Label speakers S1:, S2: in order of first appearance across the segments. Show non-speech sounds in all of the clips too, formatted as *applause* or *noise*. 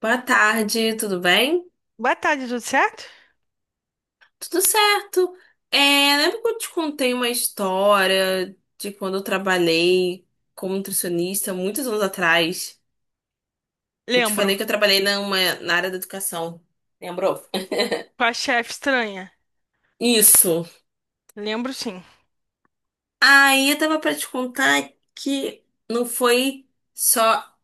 S1: Boa tarde, tudo bem?
S2: Boa tarde, tudo certo?
S1: Tudo certo. É, lembra que eu te contei uma história de quando eu trabalhei como nutricionista muitos anos atrás? Eu te falei
S2: Lembro.
S1: que eu trabalhei na área da educação. Lembrou?
S2: Com a chefe estranha.
S1: Isso.
S2: Lembro, sim.
S1: Aí eu tava pra te contar que não foi só.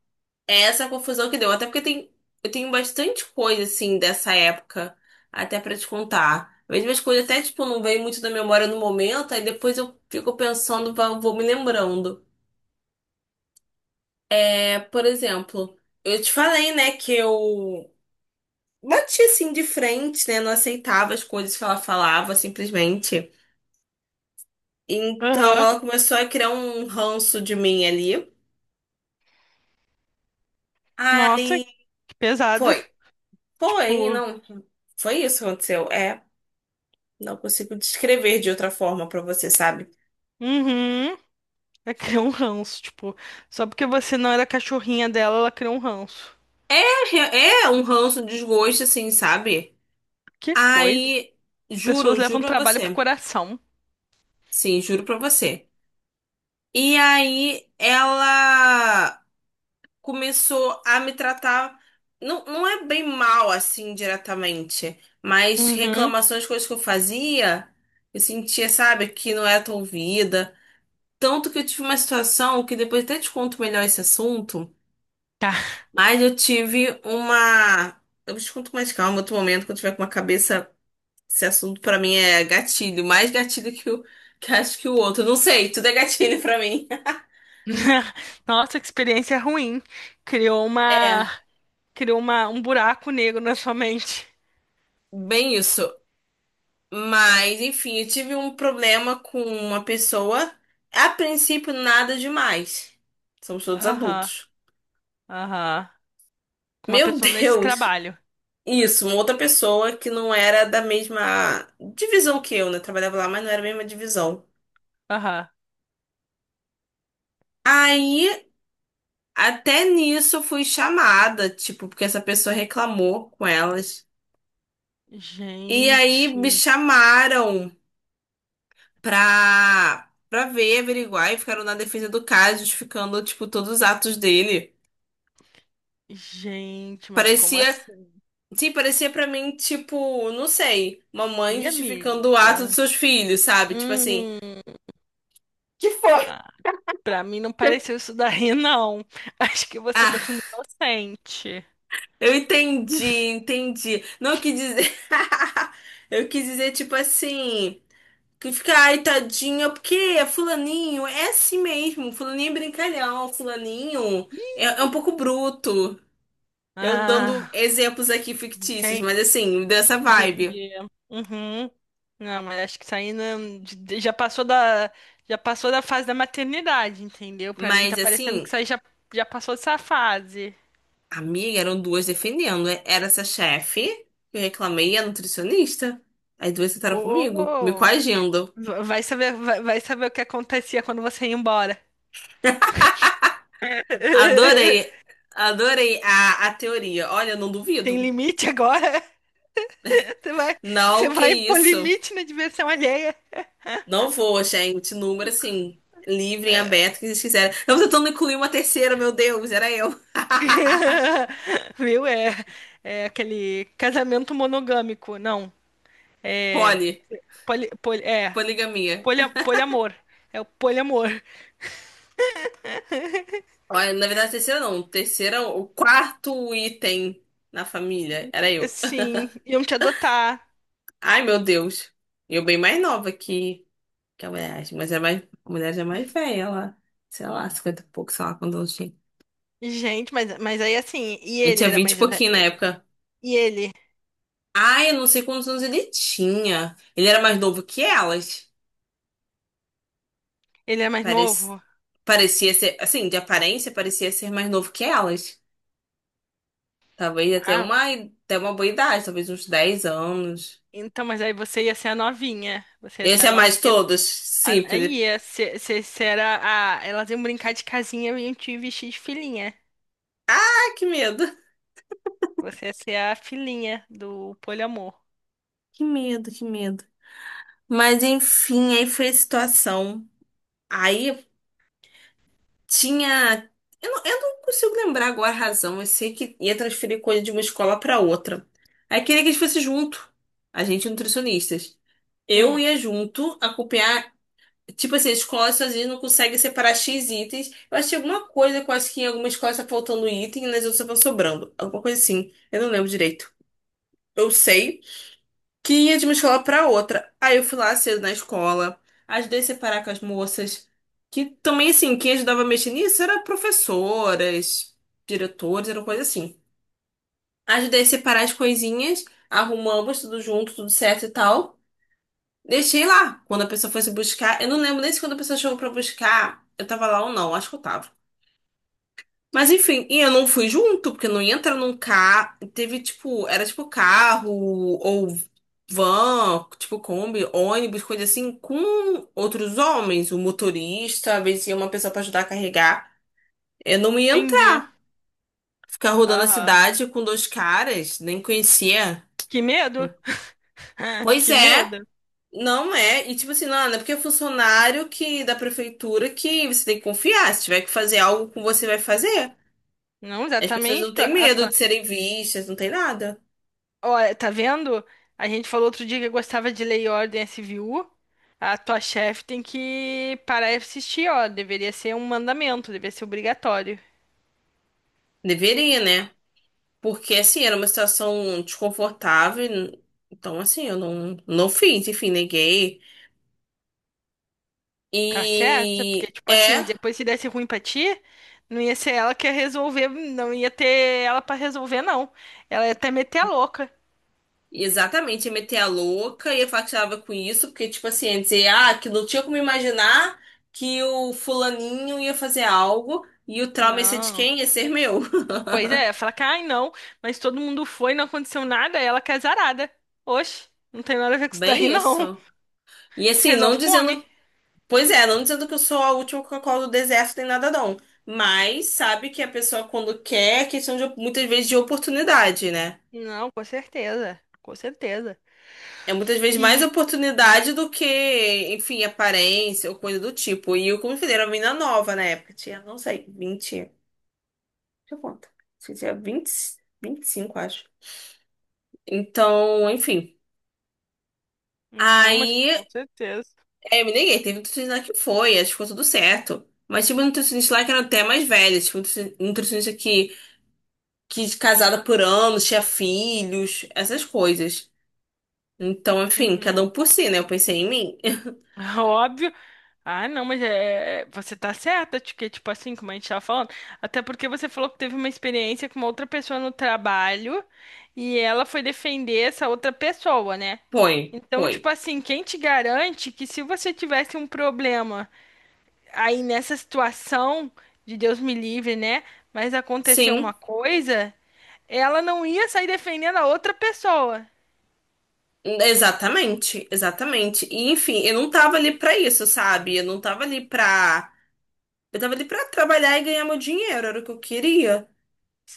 S1: É essa a confusão que deu. Até porque eu tenho bastante coisa, assim, dessa época, até pra te contar. Mesmo as coisas até, tipo, não vem muito da memória no momento, aí depois eu fico pensando, vou me lembrando. É, por exemplo, eu te falei, né, que eu bati, assim, de frente, né, não aceitava as coisas que ela falava, simplesmente. Então,
S2: Aham.
S1: ela começou a criar um ranço de mim ali.
S2: Nossa,
S1: Aí,
S2: que pesado.
S1: foi. Foi,
S2: Tipo,
S1: não. Foi isso que aconteceu. É. Não consigo descrever de outra forma pra você, sabe?
S2: uhum. Ela criou um ranço, tipo, só porque você não era cachorrinha dela, ela criou um ranço.
S1: É, re- é um ranço, um desgosto, assim, sabe?
S2: Que coisa.
S1: Aí,
S2: Pessoas
S1: juro, juro
S2: levam
S1: pra
S2: trabalho pro
S1: você.
S2: coração.
S1: Sim, juro pra você. E aí, ela começou a me tratar. Não, não é bem mal, assim, diretamente. Mas
S2: Uhum.
S1: reclamações, coisas que eu fazia, eu sentia, sabe, que não era tão ouvida. Tanto que eu tive uma situação que depois até te conto melhor esse assunto.
S2: Tá.
S1: Mas eu tive uma. Eu te conto com mais calma, outro momento, quando eu tiver com uma cabeça. Esse assunto pra mim é gatilho, mais gatilho que acho que o outro. Não sei, tudo é gatilho pra mim. *laughs*
S2: *laughs* Nossa, que experiência ruim. Criou
S1: É,
S2: uma, criou uma, um buraco negro na sua mente.
S1: bem isso. Mas, enfim, eu tive um problema com uma pessoa. A princípio, nada demais. Somos todos
S2: Aham,
S1: adultos.
S2: aham. Com uma
S1: Meu *laughs*
S2: pessoa nesse
S1: Deus!
S2: trabalho.
S1: Isso, uma outra pessoa que não era da mesma divisão que eu, né? Trabalhava lá, mas não era a mesma divisão.
S2: Aham.
S1: Aí. Até nisso eu fui chamada, tipo, porque essa pessoa reclamou com elas. E aí me
S2: Gente.
S1: chamaram pra ver, averiguar e ficaram na defesa do cara, justificando, tipo, todos os atos dele.
S2: Gente, mas como
S1: Parecia,
S2: assim?
S1: sim, parecia pra mim, tipo, não sei, uma mãe
S2: E
S1: justificando o ato dos
S2: amiga?
S1: seus filhos, sabe? Tipo assim.
S2: Hum,
S1: Que foi?
S2: pra, pra mim não pareceu isso daí, não. *laughs* Acho que você
S1: Ah,
S2: tá sendo inocente.
S1: eu entendi, entendi. Não, eu quis dizer. *laughs* Eu quis dizer, tipo assim. Que fica, ai, tadinha, porque é fulaninho é assim mesmo. Fulaninho é brincalhão, fulaninho é um pouco bruto. Eu dando
S2: Ah,
S1: exemplos aqui fictícios,
S2: entendi,
S1: mas assim, dessa vibe.
S2: entendi. Uhum. Não, mas acho que isso aí já passou já passou da fase da maternidade, entendeu? Pra mim
S1: Mas
S2: tá parecendo que
S1: assim,
S2: isso aí já, já passou dessa fase.
S1: amiga, eram duas defendendo. Era essa chefe, que eu reclamei, e a nutricionista. As duas sentaram comigo, me
S2: Oh,
S1: coagindo.
S2: vai saber, vai saber o que acontecia quando você ia embora.
S1: Adorei,
S2: *laughs*
S1: adorei a teoria. Olha, eu não
S2: Tem
S1: duvido.
S2: limite agora? Você vai, você
S1: Não, que
S2: vai impor
S1: isso.
S2: limite na diversão alheia.
S1: Não vou, gente. Número assim, livre e aberto, que eles quiserem. Eu tô tentando incluir uma terceira, meu Deus, era eu.
S2: *laughs* Viu? É, é aquele casamento monogâmico. Não. É.
S1: Poli,
S2: É.
S1: poligamia.
S2: Polia, poliamor. É o poliamor.
S1: Olha, na verdade, terceira não. Terceira, o quarto item na família era eu.
S2: Sim, iam te adotar.
S1: Ai, meu Deus. Eu bem mais nova que a mulher, a mulher já é mais velha, ela, sei lá, 50 e pouco, sei lá quando eu tinha.
S2: Gente, mas aí assim, e
S1: Eu
S2: ele
S1: tinha
S2: era
S1: 20 e
S2: mais.
S1: pouquinho na época.
S2: E ele?
S1: Ai, eu não sei quantos anos ele tinha. Ele era mais novo que elas.
S2: Ele é mais
S1: Parec-
S2: novo?
S1: Parecia ser, assim, de aparência, parecia ser mais novo que elas. Talvez até
S2: Ah,
S1: uma boa idade, talvez uns 10 anos.
S2: então, mas aí você ia ser a novinha. Você ia ser
S1: Esse
S2: a
S1: é
S2: novinha.
S1: mais todos? Sim,
S2: A-
S1: porque
S2: Aí
S1: ele...
S2: ia ser, ser, ser a- Elas iam brincar de casinha e iam te vestir de filhinha.
S1: Ah, que medo.
S2: Você ia ser a filhinha do poliamor.
S1: Que medo, que medo. Mas enfim, aí foi a situação. Aí tinha. Eu não consigo lembrar agora a razão. Eu sei que ia transferir coisa de uma escola para outra. Aí queria que a gente fosse junto. A gente, nutricionistas. Eu
S2: Hum,
S1: ia junto acompanhar. Tipo assim, as escolas sozinhas não conseguem separar X itens. Eu achei alguma coisa, que eu acho que em alguma escola tá faltando um item e nas outras estão sobrando. Alguma coisa assim. Eu não lembro direito. Eu sei que ia de uma escola pra outra. Aí eu fui lá cedo na escola, ajudei a separar com as moças. Que também, assim, quem ajudava a mexer nisso era professoras, diretores, era uma coisa assim. Ajudei a separar as coisinhas, arrumamos tudo junto, tudo certo e tal. Deixei lá. Quando a pessoa foi se buscar, eu não lembro nem se quando a pessoa chegou pra buscar, eu tava lá ou não, acho que eu tava. Mas enfim, e eu não fui junto, porque não ia entrar num carro. Teve tipo, era tipo carro ou van, tipo Kombi, ônibus, coisa assim, com outros homens, o motorista, às vezes ia uma pessoa pra ajudar a carregar. Eu não ia entrar,
S2: entendi.
S1: ficar rodando a
S2: Aham.
S1: cidade com dois caras, nem conhecia.
S2: Que medo? *laughs*
S1: Pois
S2: Que
S1: é.
S2: medo?
S1: Não é, e tipo assim, não é porque é funcionário que da prefeitura que você tem que confiar. Se tiver que fazer algo com você, vai fazer.
S2: Não,
S1: As pessoas não
S2: exatamente.
S1: têm
S2: A
S1: medo
S2: tua...
S1: de serem vistas, não tem nada.
S2: Olha, tá vendo? A gente falou outro dia que gostava de Lei e Ordem SVU. A tua chefe tem que parar de assistir, ó. Deveria ser um mandamento, deveria ser obrigatório.
S1: Deveria, né? Porque assim, era uma situação desconfortável. Então, assim, eu não fiz, enfim, neguei.
S2: Tá certo? Porque,
S1: E
S2: tipo assim,
S1: é.
S2: depois se desse ruim pra ti, não ia ser ela que ia resolver, não ia ter ela pra resolver, não. Ela ia até meter a louca.
S1: Exatamente, ia meter a louca, ia falar que estava com isso, porque, tipo assim, ia dizer, ah, que não tinha como imaginar que o fulaninho ia fazer algo e o trauma ia ser de
S2: Não.
S1: quem? Ia ser meu.
S2: Pois é, fala que, ai não, mas todo mundo foi, não aconteceu nada, ela que é zarada. Oxe, não tem nada a ver
S1: *laughs*
S2: com isso daí, *laughs*
S1: Bem
S2: não.
S1: isso. E assim, não
S2: Resolve com o homem.
S1: dizendo, pois é, não dizendo que eu sou a última Coca-Cola do deserto nem nada não, mas sabe que a pessoa quando quer é questão de muitas vezes de oportunidade, né?
S2: Não, com certeza, com certeza.
S1: É muitas vezes mais
S2: E,
S1: oportunidade do que, enfim, aparência ou coisa do tipo. E eu, como eu falei, era uma menina nova na época. Tinha, não sei, 20. Deixa eu contar. Acho que tinha 20, 25 acho. Então, enfim.
S2: não, mas
S1: Aí,
S2: com certeza.
S1: eu me neguei. Teve um nutricionista lá que foi, acho que ficou tudo certo. Mas tinha uma nutricionista lá que era até mais velha. Tipo, nutricionista que é casada por anos, tinha filhos, essas coisas. Então, enfim, cada
S2: Uhum.
S1: um por si, né? Eu pensei em mim.
S2: *laughs* Óbvio. Ah, não, mas é, é, você tá certa, que tipo assim, como a gente tava falando, até porque você falou que teve uma experiência com uma outra pessoa no trabalho e ela foi defender essa outra pessoa, né?
S1: *laughs* Foi,
S2: Então, tipo
S1: foi.
S2: assim, quem te garante que se você tivesse um problema aí nessa situação, de Deus me livre, né? Mas aconteceu uma
S1: Sim.
S2: coisa, ela não ia sair defendendo a outra pessoa.
S1: Exatamente, exatamente. E enfim, eu não tava ali pra isso, sabe? Eu não tava ali pra. Eu tava ali pra trabalhar e ganhar meu dinheiro, era o que eu queria.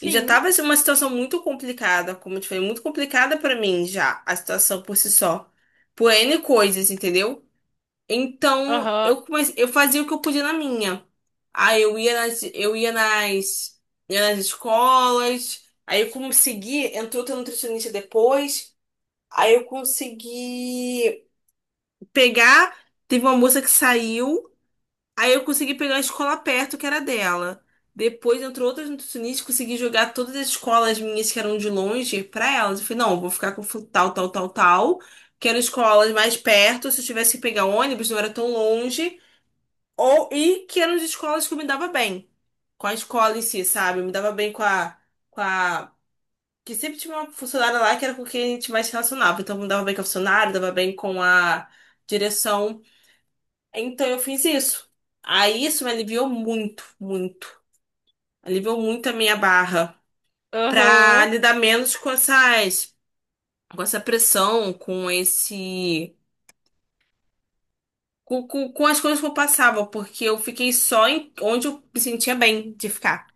S1: E já tava assim, uma situação muito complicada, como eu te falei, muito complicada pra mim já, a situação por si só. Por N coisas, entendeu? Então,
S2: Aham.
S1: eu fazia o que eu podia na minha. Aí ia nas escolas, entrou outra nutricionista depois, aí eu consegui pegar. Teve uma moça que saiu, aí eu consegui pegar a escola perto que era dela. Depois entrou outras nutricionistas, consegui jogar todas as escolas minhas que eram de longe pra elas. Eu falei, não, eu vou ficar com tal, tal, tal, tal, que eram escolas mais perto, se eu tivesse que pegar ônibus, não era tão longe. Ou e que eram de escolas que eu me dava bem. Com a escola em si, sabe? Eu me dava bem com a. Que sempre tinha uma funcionária lá que era com quem a gente mais se relacionava. Então eu me dava bem com a funcionária, dava bem com a direção, então eu fiz isso. Aí isso me aliviou muito, muito. Aliviou muito a minha barra pra
S2: Aham.
S1: lidar menos com essa pressão, com esse, com as coisas que eu passava, porque eu fiquei só em onde eu me sentia bem de ficar.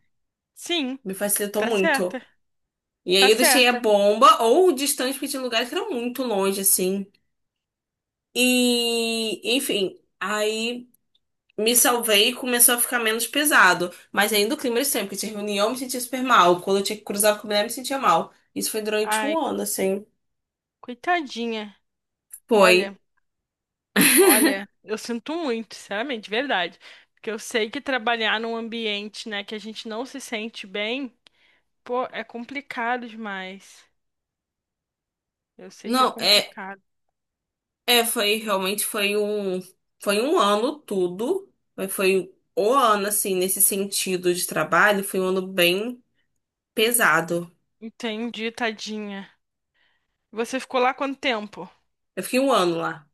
S2: Sim.
S1: Me facilitou
S2: Tá
S1: muito.
S2: certa.
S1: E aí
S2: Tá
S1: eu deixei a
S2: certa.
S1: bomba ou distante, porque tinha lugares que eram muito longe, assim. E, enfim, aí me salvei e começou a ficar menos pesado. Mas ainda o clima era sempre, que tinha reunião, eu me sentia super mal. Quando eu tinha que cruzar com a mulher, eu me sentia mal. Isso foi durante um
S2: Ai,
S1: ano, assim.
S2: coitadinha.
S1: Foi.
S2: Olha, olha, eu sinto muito, sinceramente, de verdade. Porque eu sei que trabalhar num ambiente, né, que a gente não se sente bem, pô, é complicado demais. Eu sei que é
S1: Não,
S2: complicado.
S1: foi, realmente foi um ano tudo. Mas foi o ano, assim, nesse sentido de trabalho, foi um ano bem pesado.
S2: Entendi, tadinha. Você ficou lá quanto tempo?
S1: Eu fiquei um ano lá.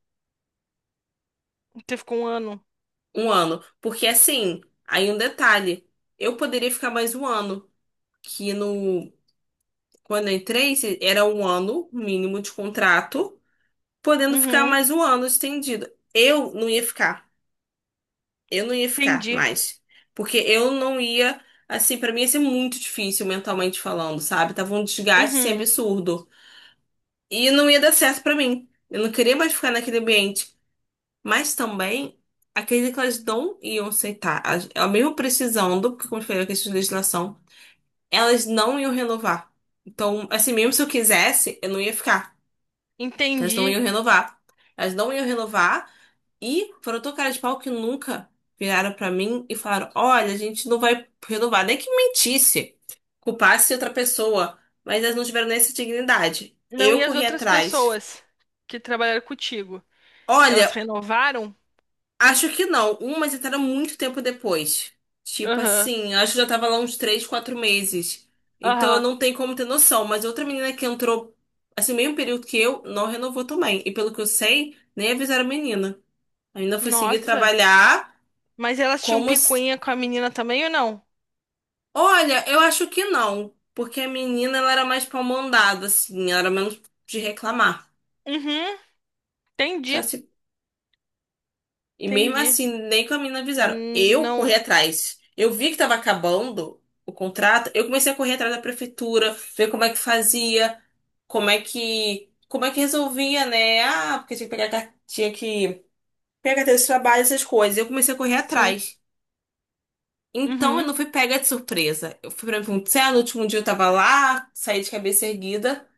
S2: Você ficou um ano?
S1: Um ano. Porque, assim, aí um detalhe, eu poderia ficar mais um ano. Que no Quando eu entrei, era um ano mínimo de contrato, podendo ficar
S2: Uhum,
S1: mais um ano estendido. Eu não ia ficar. Eu não ia ficar
S2: entendi.
S1: mais. Porque eu não ia. Assim, pra mim ia ser muito difícil mentalmente falando, sabe? Tava um desgaste assim,
S2: Uhum,
S1: absurdo. E não ia dar certo pra mim. Eu não queria mais ficar naquele ambiente. Mas também, acredito que elas não iam aceitar. Elas mesmo precisando, porque, como eu falei, a questão de legislação, elas não iam renovar. Então, assim, mesmo se eu quisesse, eu não ia ficar. Que elas não
S2: entendi.
S1: iam renovar. Elas não iam renovar e foram tão cara de pau que nunca viraram pra mim e falaram: Olha, a gente não vai renovar. Nem que mentisse, culpasse outra pessoa, mas elas não tiveram nem essa dignidade.
S2: Não,
S1: Eu
S2: e as
S1: corri
S2: outras
S1: atrás.
S2: pessoas que trabalharam contigo? Elas
S1: Olha,
S2: renovaram?
S1: acho que não. Umas entraram muito tempo depois. Tipo
S2: Aham,
S1: assim, acho que já tava lá uns 3, 4 meses. Então eu
S2: aham.
S1: não tenho como ter noção. Mas outra menina que entrou, assim, meio período que eu, não renovou também. E pelo que eu sei, nem avisaram a menina. Ainda fui seguir
S2: Nossa.
S1: trabalhar
S2: Mas elas tinham
S1: como. Se-
S2: picuinha com a menina também ou não?
S1: Olha, eu acho que não. Porque a menina, ela era mais pra mandada, assim. Ela era menos de reclamar.
S2: Uhum,
S1: Só
S2: entendi,
S1: se... E mesmo
S2: entendi.
S1: assim, nem com a menina avisaram. Eu
S2: Não,
S1: corri atrás. Eu vi que tava acabando o contrato. Eu comecei a correr atrás da prefeitura, ver como é que fazia, como é que. Como é que resolvia, né? Ah, porque tinha que pegar carteira de trabalho, essas coisas. Eu comecei a correr
S2: sim.
S1: atrás. Então eu
S2: Uhum.
S1: não fui pega de surpresa. Eu fui pra Punta no último dia eu tava lá, saí de cabeça erguida,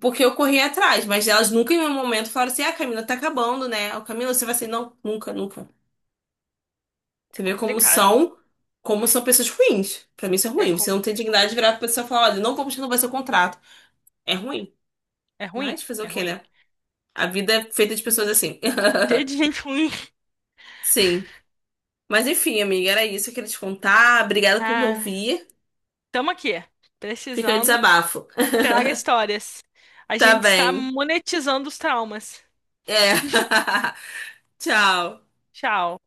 S1: porque eu corri atrás, mas elas nunca em nenhum momento falaram assim: ah, Camila, tá acabando, né? O Camila, você vai assim, não, nunca, nunca.
S2: É
S1: Você vê
S2: complicado.
S1: como são pessoas ruins. Pra mim isso é
S2: É,
S1: ruim.
S2: com...
S1: Você não tem dignidade de virar pra pessoa e falar: olha, não vamos renovar seu contrato. É ruim.
S2: é ruim,
S1: Mas fazer o
S2: é
S1: quê,
S2: ruim.
S1: né? A vida é feita de pessoas assim.
S2: Ter de
S1: *laughs*
S2: gente ruim.
S1: Sim. Mas enfim, amiga, era isso que eu queria te contar. Obrigada por me
S2: Ah,
S1: ouvir.
S2: tamo aqui.
S1: Fica o
S2: Precisando,
S1: desabafo.
S2: traga
S1: *laughs*
S2: histórias. A
S1: Tá
S2: gente está
S1: bem.
S2: monetizando os traumas.
S1: É. *laughs* Tchau.
S2: Tchau.